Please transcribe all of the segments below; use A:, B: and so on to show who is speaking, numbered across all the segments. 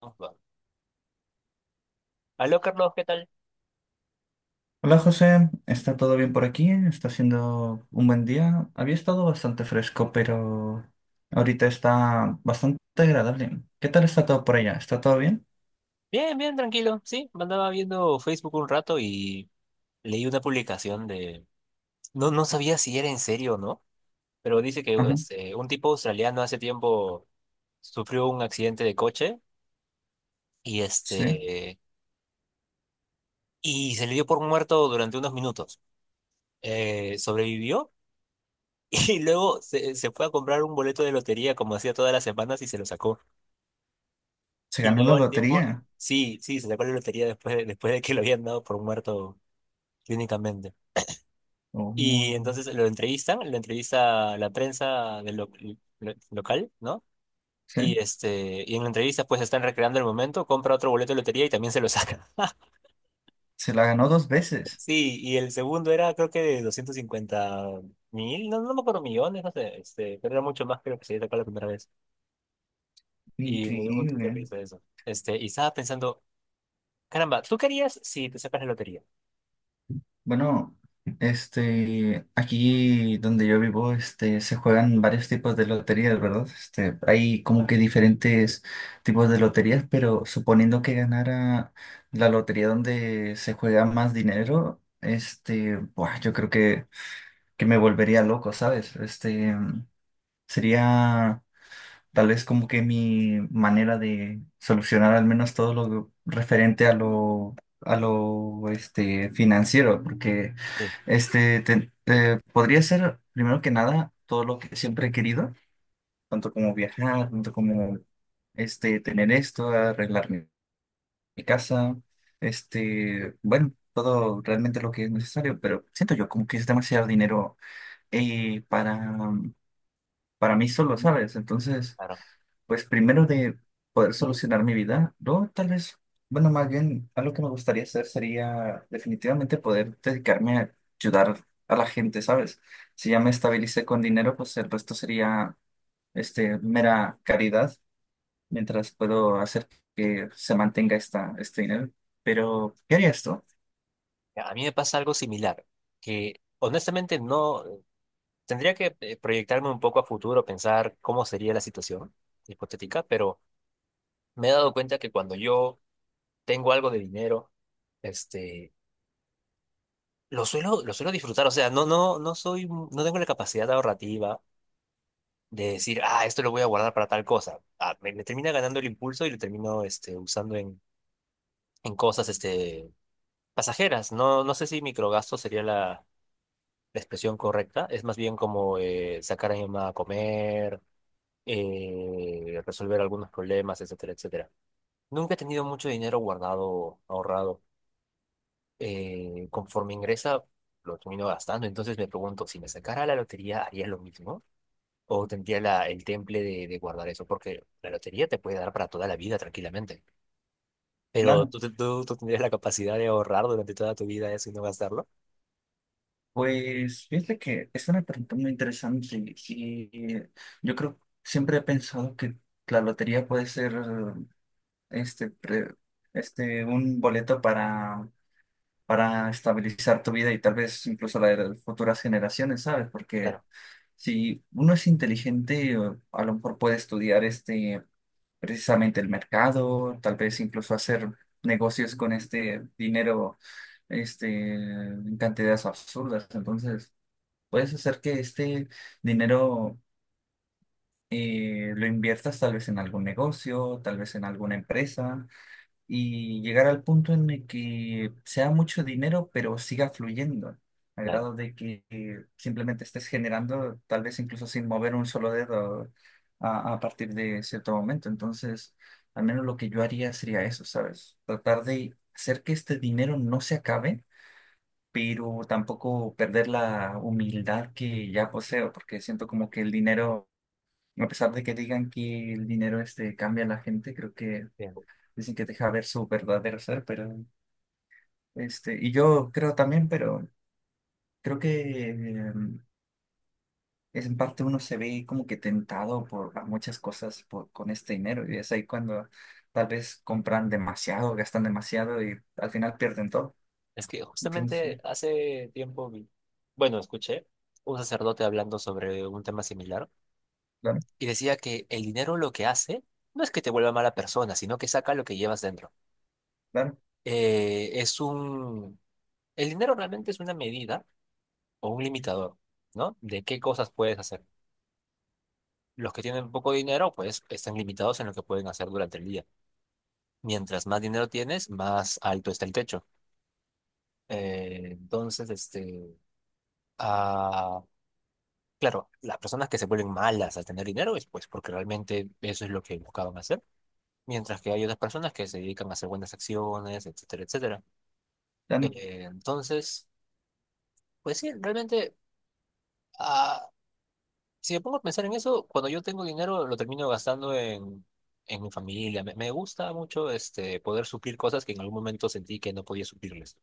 A: Vamos, va. Aló, Carlos, ¿qué tal?
B: Hola José, ¿está todo bien por aquí? Está siendo un buen día. Había estado bastante fresco, pero ahorita está bastante agradable. ¿Qué tal está todo por allá? ¿Está todo bien?
A: Bien, bien, tranquilo. Sí, me andaba viendo Facebook un rato y leí una publicación. No, no sabía si era en serio o no, pero dice que
B: Ajá,
A: este, un tipo australiano hace tiempo sufrió un accidente de coche y,
B: sí.
A: este, y se le dio por muerto durante unos minutos. Sobrevivió y luego se fue a comprar un boleto de lotería como hacía todas las semanas y se lo sacó.
B: Se
A: Y
B: ganó la
A: luego al tiempo,
B: lotería.
A: sí, sí, se sacó la lotería después de que lo habían dado por muerto clínicamente. Y
B: Oh,
A: entonces lo entrevistan, lo entrevista la prensa local, ¿no? Y,
B: sí.
A: este, y en la entrevista pues están recreando el momento, compra otro boleto de lotería y también se lo saca.
B: Se la ganó dos veces.
A: Sí, y el segundo era creo que de 250.000, no, no me acuerdo, millones, no sé, pero era mucho más creo que se había sacado la primera vez. Y me dio un montón de
B: Increíble.
A: risa eso. Y estaba pensando, caramba, ¿tú querías si te sacas la lotería?
B: Bueno, aquí donde yo vivo, se juegan varios tipos de loterías, ¿verdad? Este, hay como que diferentes tipos de loterías, pero suponiendo que ganara la lotería donde se juega más dinero, buah, yo creo que me volvería loco, ¿sabes? Este, sería. Tal vez como que mi manera de solucionar al menos todo lo referente a lo financiero, porque
A: Sí,
B: podría ser primero que nada todo lo que siempre he querido, tanto como viajar, tanto como tener esto, arreglar mi casa, este, bueno, todo realmente lo que es necesario, pero siento yo como que es demasiado dinero eh, para para mí solo, ¿sabes? Entonces,
A: claro.
B: pues primero de poder solucionar mi vida, no tal vez, bueno, más bien algo que me gustaría hacer sería definitivamente poder dedicarme a ayudar a la gente, ¿sabes? Si ya me estabilicé con dinero, pues el resto sería mera caridad, mientras puedo hacer que se mantenga este dinero. Pero, ¿qué haría esto?
A: A mí me pasa algo similar, que honestamente no. Tendría que proyectarme un poco a futuro, pensar cómo sería la situación hipotética, pero me he dado cuenta que cuando yo tengo algo de dinero, este, lo suelo disfrutar. O sea, no, no, no soy, no tengo la capacidad ahorrativa de decir, ah, esto lo voy a guardar para tal cosa. Ah, me termina ganando el impulso y lo termino, usando en, en cosas, pasajeras. No, no sé si microgasto sería la expresión correcta. Es más bien como sacar a mi mamá a comer, resolver algunos problemas, etcétera, etcétera. Nunca he tenido mucho dinero guardado, ahorrado. Conforme ingresa, lo termino gastando. Entonces me pregunto, si me sacara la lotería, ¿haría lo mismo? ¿O tendría la, el temple de guardar eso? Porque la lotería te puede dar para toda la vida tranquilamente. Pero
B: Claro.
A: tú, tú tendrías la capacidad de ahorrar durante toda tu vida eso y no gastarlo.
B: Pues fíjate que es una pregunta muy interesante y yo creo, siempre he pensado que la lotería puede ser este, pre- un boleto para estabilizar tu vida y tal vez incluso la de las futuras generaciones, ¿sabes? Porque
A: Claro,
B: si uno es inteligente, o a lo mejor puede estudiar precisamente el mercado, tal vez incluso hacer negocios con este dinero, en cantidades absurdas. Entonces, puedes hacer que este dinero, lo inviertas tal vez en algún negocio, tal vez en alguna empresa, y llegar al punto en el que sea mucho dinero, pero siga fluyendo, a
A: claro.
B: grado de que simplemente estés generando, tal vez incluso sin mover un solo dedo a partir de cierto momento. Entonces, al menos lo que yo haría sería eso, ¿sabes? Tratar de hacer que este dinero no se acabe, pero tampoco perder la humildad que ya poseo, porque siento como que el dinero, a pesar de que digan que el dinero cambia a la gente, creo que
A: Bien.
B: dicen que deja ver su verdadero ser, pero y yo creo también, pero creo que es en parte uno se ve como que tentado por a muchas cosas por, con este dinero, y es ahí cuando tal vez compran demasiado, gastan demasiado y al final pierden todo.
A: Es que
B: Entonces,
A: justamente hace tiempo, bueno, escuché un sacerdote hablando sobre un tema similar
B: claro,
A: y decía que el dinero lo que hace no es que te vuelva mala persona, sino que saca lo que llevas dentro.
B: claro,
A: Eh, es un... El dinero realmente es una medida o un limitador, ¿no? De qué cosas puedes hacer. Los que tienen poco dinero, pues están limitados en lo que pueden hacer durante el día. Mientras más dinero tienes, más alto está el techo. Eh, entonces, este... ah, claro, las personas que se vuelven malas al tener dinero es pues porque realmente eso es lo que buscaban hacer, mientras que hay otras personas que se dedican a hacer buenas acciones, etcétera, etcétera.
B: claro,
A: Entonces, pues sí, realmente, ah, si me pongo a pensar en eso, cuando yo tengo dinero lo termino gastando en mi familia. Me gusta mucho, poder suplir cosas que en algún momento sentí que no podía suplirles,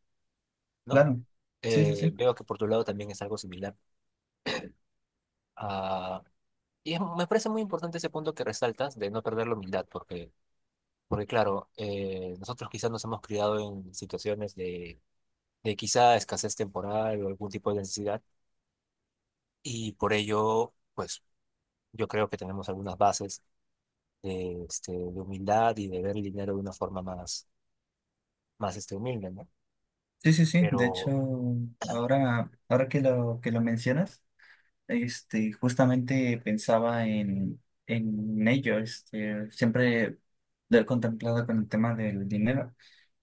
A: ¿no?
B: claro. Sí, sí, sí.
A: Veo que por tu lado también es algo similar. Ah, y me parece muy importante ese punto que resaltas de no perder la humildad, porque, porque claro, nosotros quizás nos hemos criado en situaciones de quizá escasez temporal o algún tipo de necesidad. Y por ello, pues yo creo que tenemos algunas bases de humildad y de ver el dinero de una forma más humilde, ¿no?
B: Sí, sí, sí. De hecho,
A: Pero
B: ahora que que lo mencionas, justamente pensaba en ello. Este, siempre lo he contemplado con el tema del dinero.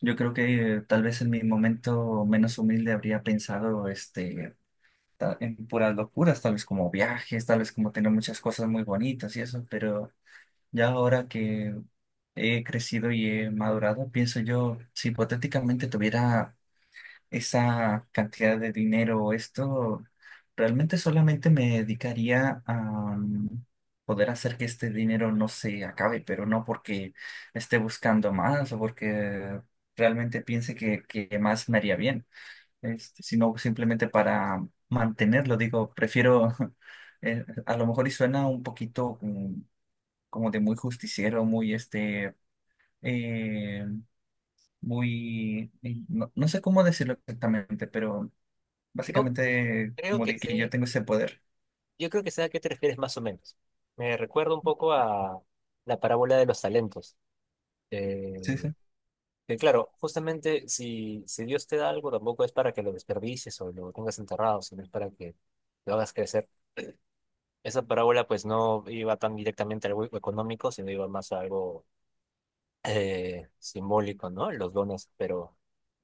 B: Yo creo que, tal vez en mi momento menos humilde habría pensado en puras locuras, tal vez como viajes, tal vez como tener muchas cosas muy bonitas y eso, pero ya ahora que he crecido y he madurado, pienso yo, si hipotéticamente tuviera esa cantidad de dinero o esto, realmente solamente me dedicaría a mm, poder hacer que este dinero no se acabe, pero no porque esté buscando más o porque realmente piense que más me haría bien, este, sino simplemente para mantenerlo. Digo, prefiero, a lo mejor y suena un poquito como de muy justiciero, muy eh, muy, no sé cómo decirlo exactamente, pero
A: yo
B: básicamente,
A: creo
B: como
A: que
B: de que yo
A: sé,
B: tengo ese poder.
A: yo creo que sé a qué te refieres más o menos. Me recuerda un poco a la parábola de los talentos.
B: Sí,
A: Eh,
B: sí.
A: que claro, justamente si Dios te da algo, tampoco es para que lo desperdicies o lo tengas enterrado, sino es para que lo hagas crecer. Esa parábola pues no iba tan directamente a algo económico, sino iba más a algo simbólico, ¿no? Los dones, pero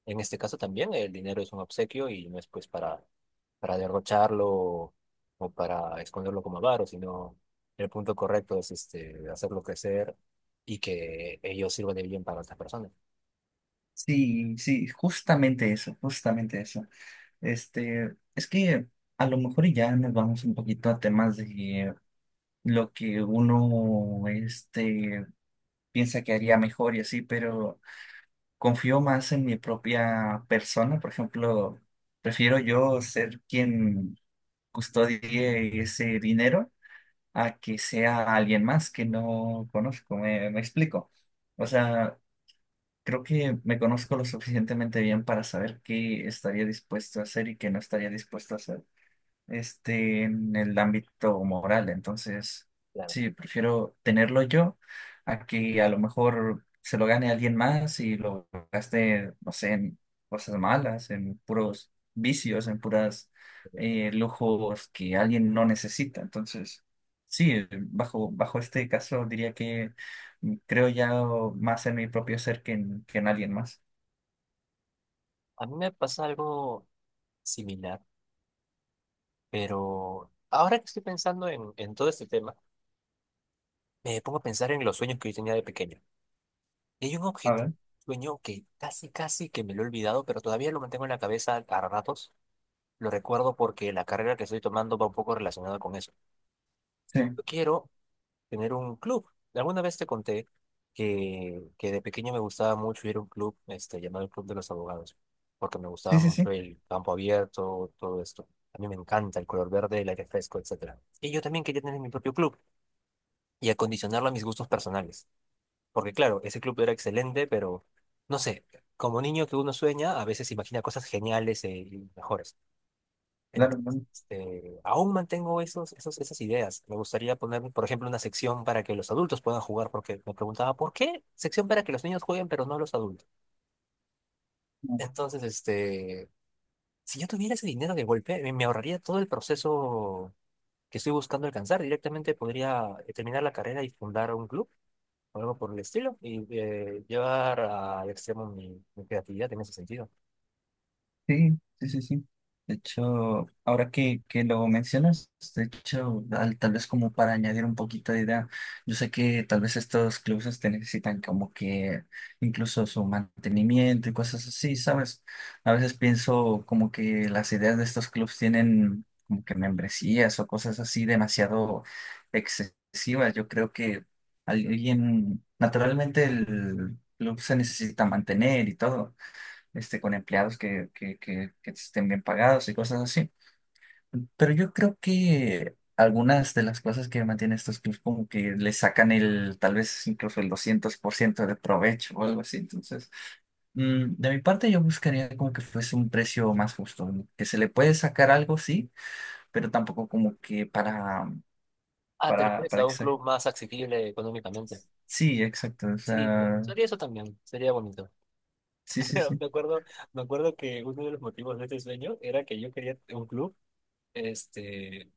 A: en este caso también el dinero es un obsequio y no es pues para derrocharlo, o para esconderlo como avaro, sino el punto correcto es, hacerlo crecer y que ellos sirvan de bien para otras personas.
B: Sí, sí, justamente eso, justamente eso. Este, es que a lo mejor ya nos vamos un poquito a temas de lo que uno, piensa que haría mejor y así, pero confío más en mi propia persona. Por ejemplo, prefiero yo ser quien custodie ese dinero a que sea alguien más que no conozco. Me explico.
A: Sí,
B: O sea, creo que me conozco lo suficientemente bien para saber qué estaría dispuesto a hacer y qué no estaría dispuesto a hacer en el ámbito moral. Entonces,
A: claro.
B: sí, prefiero tenerlo yo a que a lo mejor se lo gane alguien más y lo gaste, no sé, en cosas malas, en puros vicios, en puras lujos que alguien no necesita. Entonces, sí, bajo este caso diría que creo ya más en mi propio ser que que en alguien más.
A: A mí me pasa algo similar, pero ahora que estoy pensando en todo este tema, me pongo a pensar en los sueños que yo tenía de pequeño. Y hay un
B: A
A: objetivo,
B: ver,
A: sueño que casi, casi que me lo he olvidado, pero todavía lo mantengo en la cabeza a ratos. Lo recuerdo porque la carrera que estoy tomando va un poco relacionada con eso.
B: sí,
A: Yo quiero tener un club. Alguna vez te conté que de pequeño me gustaba mucho ir a un club, llamado el Club de los Abogados, porque me
B: sí,
A: gustaba
B: sí, sí,
A: mucho el campo abierto, todo esto. A mí me encanta el color verde, el aire fresco, etcétera. Y yo también quería tener mi propio club y acondicionarlo a mis gustos personales. Porque claro, ese club era excelente, pero no sé, como niño que uno sueña, a veces imagina cosas geniales, y mejores. En-
B: claro.
A: Aún mantengo esos, esas ideas. Me gustaría poner, por ejemplo, una sección para que los adultos puedan jugar, porque me preguntaba, ¿por qué sección para que los niños jueguen, pero no los adultos?
B: Claro.
A: Entonces, si yo tuviera ese dinero de golpe, me ahorraría todo el proceso que estoy buscando alcanzar. Directamente podría, terminar la carrera y fundar un club, o algo por el estilo, y llevar al extremo mi creatividad en ese sentido.
B: Sí, sí, sí, sí. De hecho, que lo mencionas, de hecho, tal vez como para añadir un poquito de idea, yo sé que tal vez estos clubes necesitan como que incluso su mantenimiento y cosas así, ¿sabes? A veces pienso como que las ideas de estos clubes tienen como que membresías o cosas así demasiado excesivas. Yo creo que alguien, naturalmente el club se necesita mantener y todo con empleados que estén bien pagados y cosas así. Pero yo creo que algunas de las cosas que mantienen estos clubs como que le sacan el, tal vez incluso el 200% de provecho o algo así. Entonces, de mi parte yo buscaría como que fuese un precio más justo, ¿no? Que se le puede sacar algo, sí, pero tampoco como que
A: Ah, te
B: para,
A: refieres
B: para
A: a un
B: exa-
A: club más accesible económicamente.
B: sí, exacto. O
A: Sí,
B: sea,
A: sería eso también, sería bonito.
B: sí, sí,
A: Pero
B: sí.
A: me acuerdo, que uno de los motivos de este sueño era que yo quería un club, este,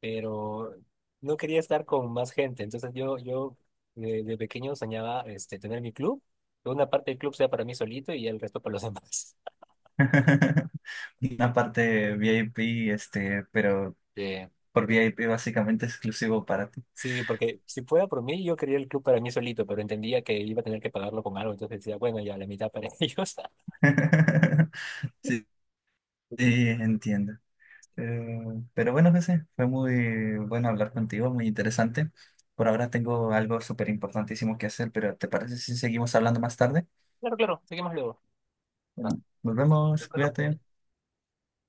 A: pero no quería estar con más gente. Entonces yo de pequeño soñaba, tener mi club, que una parte del club sea para mí solito y el resto para los demás.
B: Una parte VIP, este, pero
A: Sí,
B: por VIP básicamente exclusivo para ti.
A: sí, porque si fuera por mí, yo quería el club para mí solito, pero entendía que iba a tener que pagarlo con algo, entonces decía, bueno, ya la mitad para ellos.
B: Sí, sí, entiendo. Pero bueno, José, fue muy bueno hablar contigo, muy interesante. Por ahora tengo algo súper importantísimo que hacer, pero ¿te parece si seguimos hablando más tarde?
A: Claro, claro, seguimos luego.
B: Bueno,
A: No,
B: nos vemos,
A: siempre los
B: cuídate.